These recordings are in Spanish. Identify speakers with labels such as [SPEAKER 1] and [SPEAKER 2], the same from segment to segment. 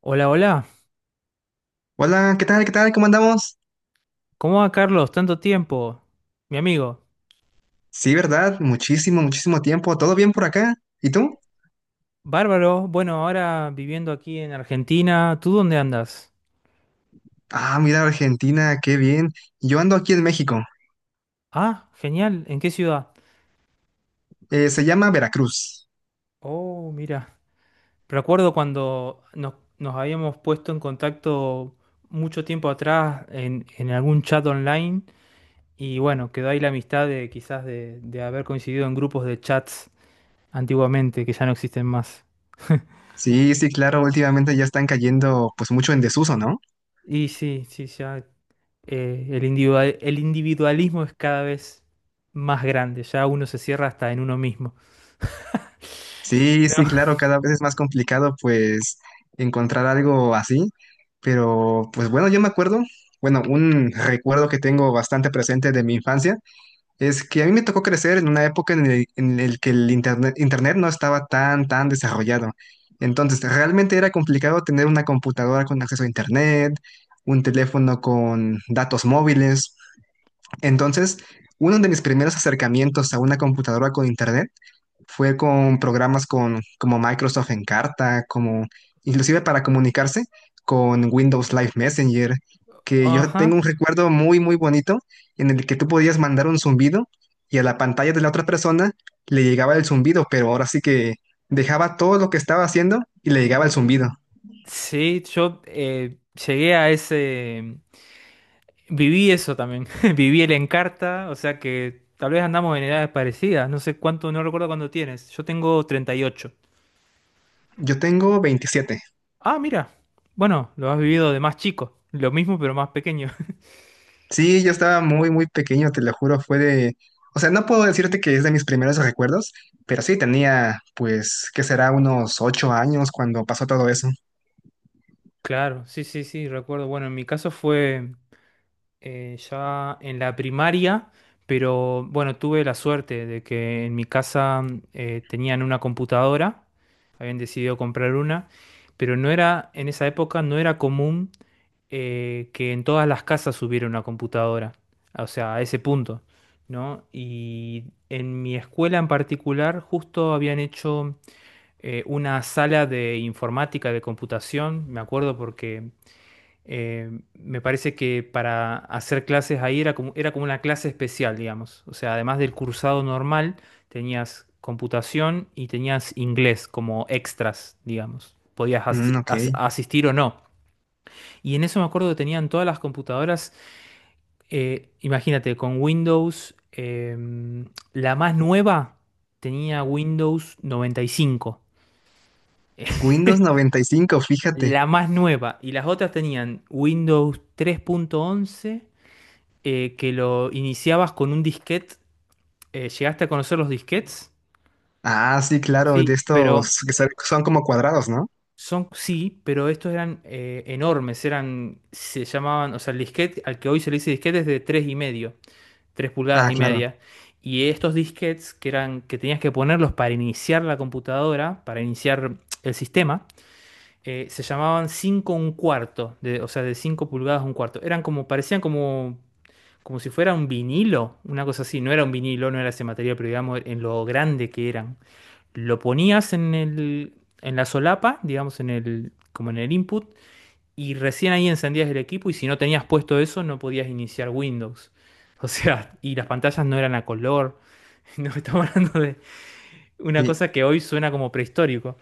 [SPEAKER 1] Hola, hola.
[SPEAKER 2] Hola, ¿qué tal? ¿Qué tal? ¿Cómo andamos?
[SPEAKER 1] ¿Cómo va, Carlos? Tanto tiempo. Mi amigo.
[SPEAKER 2] Sí, ¿verdad? Muchísimo, muchísimo tiempo. ¿Todo bien por acá? ¿Y tú?
[SPEAKER 1] Bárbaro. Bueno, ahora viviendo aquí en Argentina. ¿Tú dónde andas?
[SPEAKER 2] Ah, mira, Argentina, qué bien. Yo ando aquí en México.
[SPEAKER 1] Ah, genial. ¿En qué ciudad?
[SPEAKER 2] Se llama Veracruz.
[SPEAKER 1] Oh, mira. Recuerdo cuando nos habíamos puesto en contacto mucho tiempo atrás en algún chat online. Y bueno, quedó ahí la amistad de quizás de haber coincidido en grupos de chats antiguamente que ya no existen más.
[SPEAKER 2] Sí, sí, claro, últimamente ya están cayendo pues mucho en desuso, ¿no?
[SPEAKER 1] Y sí, sí, ya. El individualismo es cada vez más grande, ya uno se cierra hasta en uno mismo.
[SPEAKER 2] Sí,
[SPEAKER 1] No,
[SPEAKER 2] sí, claro, cada vez es más complicado pues encontrar algo así. Pero pues bueno, yo me acuerdo, bueno, un recuerdo que tengo bastante presente de mi infancia. Es que a mí me tocó crecer en una época en el que el internet no estaba tan desarrollado. Entonces, realmente era complicado tener una computadora con acceso a internet, un teléfono con datos móviles. Entonces, uno de mis primeros acercamientos a una computadora con internet fue con programas como Microsoft Encarta, como inclusive para comunicarse con Windows Live Messenger, que yo tengo
[SPEAKER 1] ajá.
[SPEAKER 2] un recuerdo muy, muy bonito en el que tú podías mandar un zumbido y a la pantalla de la otra persona le llegaba el zumbido, pero ahora sí que dejaba todo lo que estaba haciendo y le llegaba el zumbido.
[SPEAKER 1] Sí, yo llegué a ese, viví eso también, viví el Encarta, o sea que tal vez andamos en edades parecidas, no sé cuánto, no recuerdo cuándo tienes, yo tengo 38.
[SPEAKER 2] Yo tengo 27.
[SPEAKER 1] Ah, mira, bueno, lo has vivido de más chico, lo mismo pero más pequeño.
[SPEAKER 2] Sí, yo estaba muy, muy pequeño, te lo juro, fue de... O sea, no puedo decirte que es de mis primeros recuerdos, pero sí tenía, pues, que será unos 8 años cuando pasó todo eso.
[SPEAKER 1] Claro, sí, sí, sí, recuerdo, bueno, en mi caso fue... ya en la primaria, pero bueno, tuve la suerte de que en mi casa tenían una computadora, habían decidido comprar una, pero no era, en esa época no era común que en todas las casas hubiera una computadora, o sea, a ese punto, ¿no? Y en mi escuela en particular justo habían hecho una sala de informática, de computación, me acuerdo porque me parece que para hacer clases ahí era como una clase especial, digamos. O sea, además del cursado normal, tenías computación y tenías inglés como extras, digamos. Podías
[SPEAKER 2] Mm, ok.
[SPEAKER 1] asistir o no. Y en eso me acuerdo que tenían todas las computadoras, imagínate, con Windows, la más nueva tenía Windows 95.
[SPEAKER 2] Windows 95, fíjate.
[SPEAKER 1] La más nueva. Y las otras tenían Windows 3.11, que lo iniciabas con un disquete. ¿Llegaste a conocer los disquetes?
[SPEAKER 2] Ah, sí, claro, de
[SPEAKER 1] Sí, pero
[SPEAKER 2] estos que son como cuadrados, ¿no?
[SPEAKER 1] son, sí, pero estos eran enormes, eran, se llamaban, o sea, el disquete, al que hoy se le dice disquete es de tres y medio, 3 pulgadas
[SPEAKER 2] Ah,
[SPEAKER 1] y
[SPEAKER 2] claro.
[SPEAKER 1] media. Y estos disquetes que eran, que tenías que ponerlos para iniciar la computadora, para iniciar el sistema, se llamaban 5 un cuarto, de, o sea, de 5 pulgadas un cuarto. Eran como, parecían como si fuera un vinilo, una cosa así, no era un vinilo, no era ese material, pero digamos en lo grande que eran. Lo ponías en la solapa, digamos en el, como en el input, y recién ahí encendías el equipo y si no tenías puesto eso no podías iniciar Windows. O sea, y las pantallas no eran a color. No estamos hablando de una
[SPEAKER 2] Sí,
[SPEAKER 1] cosa que hoy suena como prehistórico.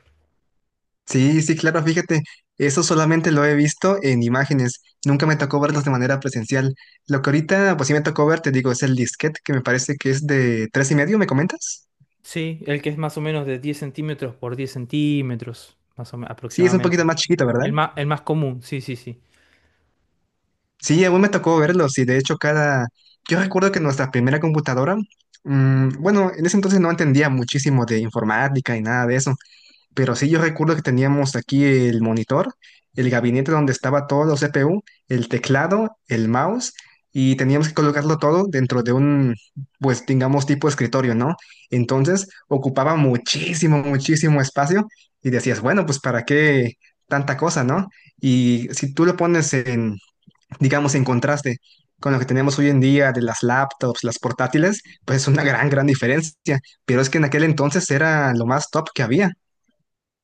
[SPEAKER 2] sí, sí, claro, fíjate. Eso solamente lo he visto en imágenes. Nunca me tocó verlos de manera presencial. Lo que ahorita, pues sí me tocó ver, te digo, es el disquete, que me parece que es de tres y medio, ¿me comentas?
[SPEAKER 1] Sí, el que es más o menos de 10 centímetros por 10 centímetros, más o menos
[SPEAKER 2] Sí, es un poquito
[SPEAKER 1] aproximadamente.
[SPEAKER 2] más chiquito, ¿verdad?
[SPEAKER 1] El más común, sí, sí, sí.
[SPEAKER 2] Sí, aún me tocó verlo. Sí, de hecho, cada. Yo recuerdo que nuestra primera computadora, bueno, en ese entonces no entendía muchísimo de informática y nada de eso. Pero sí, yo recuerdo que teníamos aquí el monitor, el gabinete donde estaba todo los CPU, el teclado, el mouse, y teníamos que colocarlo todo dentro de un, pues digamos, tipo escritorio, ¿no? Entonces ocupaba muchísimo, muchísimo espacio y decías, bueno, pues ¿para qué tanta cosa, no? Y si tú lo pones en, digamos, en contraste con lo que tenemos hoy en día de las laptops, las portátiles, pues es una gran, gran diferencia. Pero es que en aquel entonces era lo más top que había.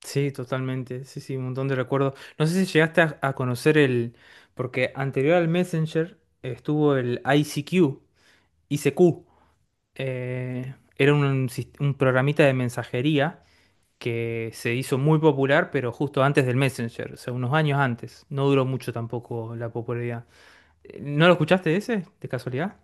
[SPEAKER 1] Sí, totalmente. Sí, sí, un montón de recuerdos. No sé si llegaste a conocer el... Porque anterior al Messenger estuvo el ICQ, ICQ. Era un programita de mensajería que se hizo muy popular, pero justo antes del Messenger, o sea, unos años antes. No duró mucho tampoco la popularidad. ¿No lo escuchaste ese, de casualidad?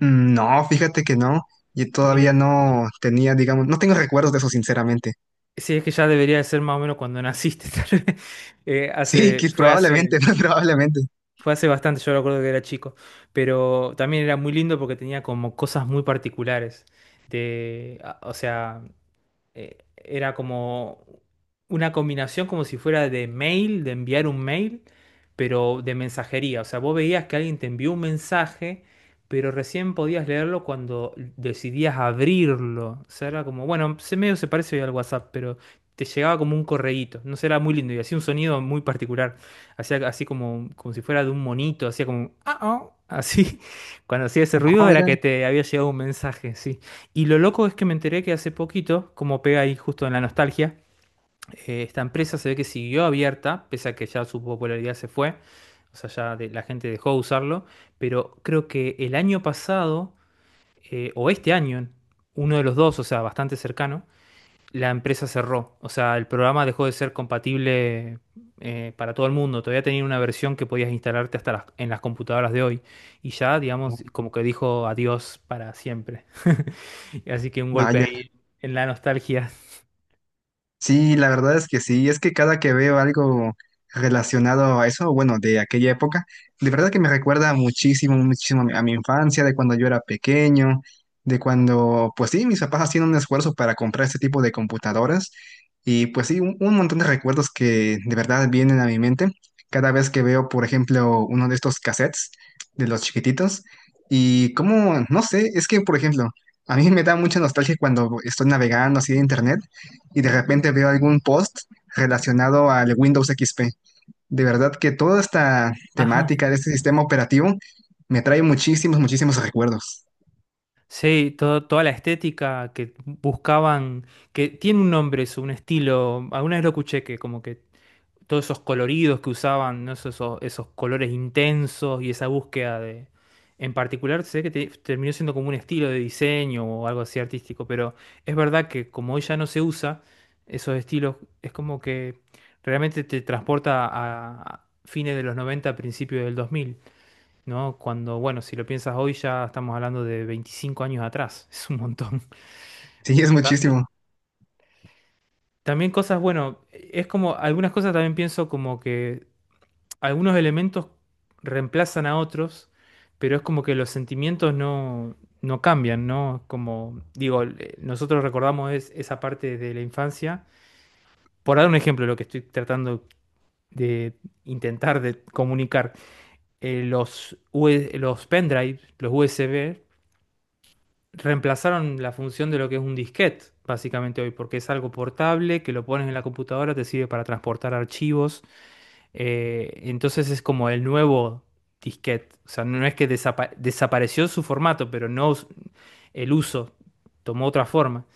[SPEAKER 2] Mm, no, fíjate que no. Y todavía
[SPEAKER 1] Mira,
[SPEAKER 2] no tenía, digamos, no tengo recuerdos de eso, sinceramente.
[SPEAKER 1] sí, es que ya debería de ser más o menos cuando naciste, tal vez. Eh,
[SPEAKER 2] Sí,
[SPEAKER 1] hace,
[SPEAKER 2] que
[SPEAKER 1] fue
[SPEAKER 2] probablemente,
[SPEAKER 1] hace...
[SPEAKER 2] probablemente.
[SPEAKER 1] Fue hace bastante, yo recuerdo que era chico, pero también era muy lindo porque tenía como cosas muy particulares. O sea, era como una combinación como si fuera de mail, de enviar un mail, pero de mensajería. O sea, vos veías que alguien te envió un mensaje, pero recién podías leerlo cuando decidías abrirlo. O sea, era como, bueno, se medio se parece hoy al WhatsApp, pero te llegaba como un correíto. No sé, era muy lindo y hacía un sonido muy particular. Hacía así como si fuera de un monito, hacía como, ah, ah", así, cuando hacía ese
[SPEAKER 2] No,
[SPEAKER 1] ruido era
[SPEAKER 2] mira,
[SPEAKER 1] que te había llegado un mensaje, sí. Y lo loco es que me enteré que hace poquito, como pega ahí justo en la nostalgia, esta empresa se ve que siguió abierta, pese a que ya su popularidad se fue, o sea, la gente dejó de usarlo, pero creo que el año pasado, o este año, uno de los dos, o sea, bastante cercano, la empresa cerró. O sea, el programa dejó de ser compatible para todo el mundo. Todavía tenía una versión que podías instalarte en las computadoras de hoy. Y ya, digamos, como que dijo adiós para siempre. Así que un golpe
[SPEAKER 2] vaya.
[SPEAKER 1] ahí en la nostalgia.
[SPEAKER 2] Sí, la verdad es que sí, es que cada que veo algo relacionado a eso, bueno, de aquella época, de verdad que me recuerda muchísimo, muchísimo a mi infancia, de cuando yo era pequeño, de cuando, pues sí, mis papás hacían un esfuerzo para comprar este tipo de computadoras y pues sí, un montón de recuerdos que de verdad vienen a mi mente cada vez que veo, por ejemplo, uno de estos cassettes de los chiquititos y como, no sé, es que, por ejemplo, a mí me da mucha nostalgia cuando estoy navegando así de internet y de repente veo algún post relacionado al Windows XP. De verdad que toda esta
[SPEAKER 1] Ajá.
[SPEAKER 2] temática de este sistema operativo me trae muchísimos, muchísimos recuerdos.
[SPEAKER 1] Sí, toda la estética que buscaban, que tiene un nombre, es un estilo. Alguna vez lo escuché que como que todos esos coloridos que usaban, ¿no? Esos colores intensos y esa búsqueda de... En particular, sé que terminó siendo como un estilo de diseño o algo así artístico, pero es verdad que como hoy ya no se usa esos estilos, es como que realmente te transporta a fines de los 90 principios del 2000, ¿no? Cuando, bueno, si lo piensas hoy ya estamos hablando de 25 años atrás, es un montón.
[SPEAKER 2] Sí, es
[SPEAKER 1] Bastante.
[SPEAKER 2] muchísimo.
[SPEAKER 1] También cosas, bueno, es como, algunas cosas también pienso como que algunos elementos reemplazan a otros, pero es como que los sentimientos no, no cambian, ¿no? Como digo, nosotros recordamos esa parte de la infancia. Por dar un ejemplo, lo que estoy tratando de intentar de comunicar, los, U- S los pendrives los USB, reemplazaron la función de lo que es un disquete, básicamente hoy, porque es algo portable, que lo pones en la computadora, te sirve para transportar archivos. Entonces es como el nuevo disquete. O sea, no es que desapareció su formato, pero no us- el uso tomó otra forma.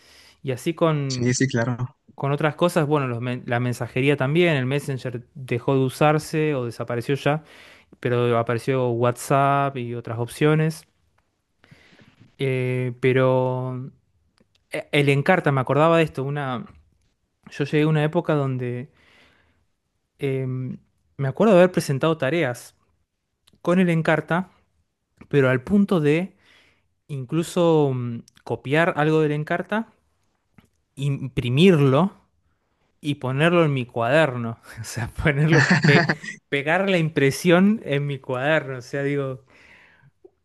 [SPEAKER 1] Y así con,
[SPEAKER 2] Sí, sí, claro.
[SPEAKER 1] con otras cosas, bueno, la mensajería también, el Messenger dejó de usarse o desapareció ya, pero apareció WhatsApp y otras opciones. Pero el Encarta, me acordaba de esto, yo llegué a una época donde em, me acuerdo de haber presentado tareas con el Encarta pero al punto de incluso copiar algo de la Encarta, imprimirlo y ponerlo en mi cuaderno. O sea, ponerlo, pegar la impresión en mi cuaderno. O sea, digo,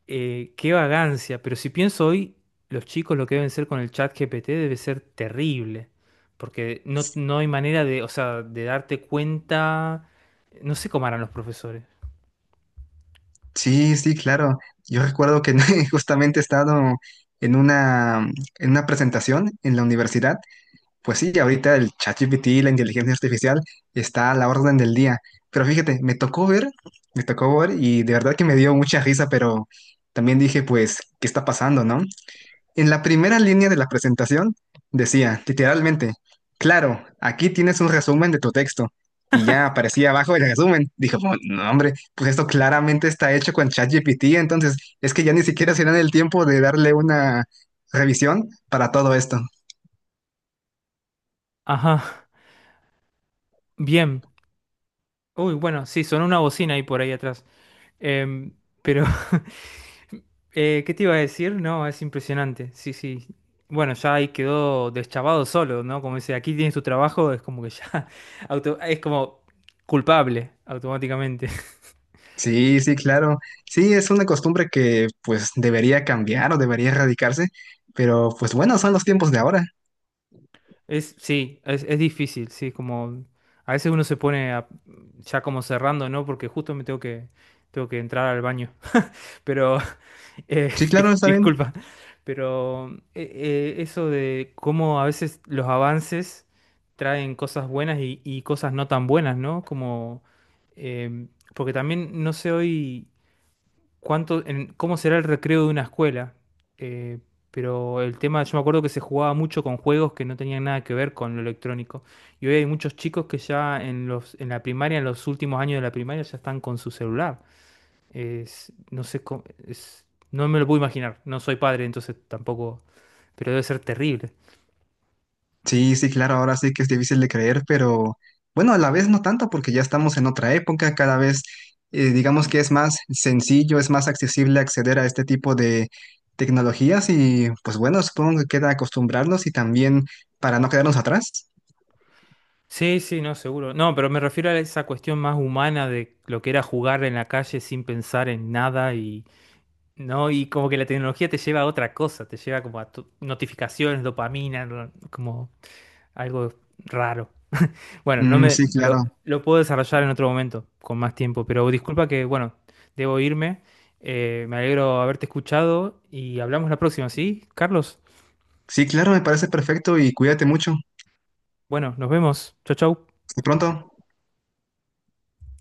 [SPEAKER 1] qué vagancia. Pero si pienso hoy, los chicos lo que deben ser con el chat GPT debe ser terrible. Porque no, no hay manera de, o sea, de darte cuenta. No sé cómo harán los profesores.
[SPEAKER 2] Sí, sí, claro. Yo recuerdo que justamente he estado en una presentación en la universidad. Pues sí, ahorita el ChatGPT, la inteligencia artificial, está a la orden del día. Pero fíjate, me tocó ver y de verdad que me dio mucha risa, pero también dije, pues, ¿qué está pasando, no? En la primera línea de la presentación decía, literalmente, claro, aquí tienes un resumen de tu texto. Y ya aparecía abajo el resumen. Dijo: "Pues, no, hombre, pues esto claramente está hecho con ChatGPT, entonces es que ya ni siquiera se dan el tiempo de darle una revisión para todo esto".
[SPEAKER 1] Ajá. Bien. Uy, bueno, sí, sonó una bocina ahí por ahí atrás. Em, pero, ¿qué te iba a decir? No, es impresionante. Sí, sí. Bueno, ya ahí quedó deschavado solo, ¿no? Como dice, aquí tienes tu trabajo, es como que ya es como culpable automáticamente.
[SPEAKER 2] Sí, sí, claro. Sí, es una costumbre que pues debería cambiar o debería erradicarse, pero pues bueno, son los tiempos de ahora.
[SPEAKER 1] Sí, es difícil, sí, como a veces uno se pone ya como cerrando, ¿no? Porque justo tengo que entrar al baño. Pero
[SPEAKER 2] Sí, claro, está bien.
[SPEAKER 1] disculpa, pero eso de cómo a veces los avances traen cosas buenas y cosas no tan buenas, ¿no? Como, em, porque también no sé hoy cuánto, cómo será el recreo de una escuela, eh, pero el tema, yo me acuerdo que se jugaba mucho con juegos que no tenían nada que ver con lo electrónico. Y hoy hay muchos chicos que ya en la primaria, en los últimos años de la primaria, ya están con su celular. Es, no sé cómo, no me lo puedo imaginar. No soy padre, entonces tampoco, pero debe ser terrible.
[SPEAKER 2] Sí, sí, claro, ahora sí que es difícil de creer, pero bueno, a la vez no tanto porque ya estamos en otra época, cada vez digamos que es más sencillo, es más accesible acceder a este tipo de tecnologías y pues bueno, supongo que queda acostumbrarnos y también para no quedarnos atrás.
[SPEAKER 1] Sí, sí, no, seguro. No, pero me refiero a esa cuestión más humana de lo que era jugar en la calle sin pensar en nada y no, y como que la tecnología te lleva a otra cosa, te lleva como a notificaciones, dopamina, como algo raro. Bueno, no
[SPEAKER 2] Mm,
[SPEAKER 1] me
[SPEAKER 2] sí,
[SPEAKER 1] lo,
[SPEAKER 2] claro.
[SPEAKER 1] lo puedo desarrollar en otro momento, con más tiempo, pero disculpa que, bueno, debo irme. Me alegro haberte escuchado y hablamos la próxima, ¿sí? Carlos,
[SPEAKER 2] Sí, claro, me parece perfecto y cuídate mucho.
[SPEAKER 1] bueno, nos vemos. Chau, chau.
[SPEAKER 2] Hasta pronto.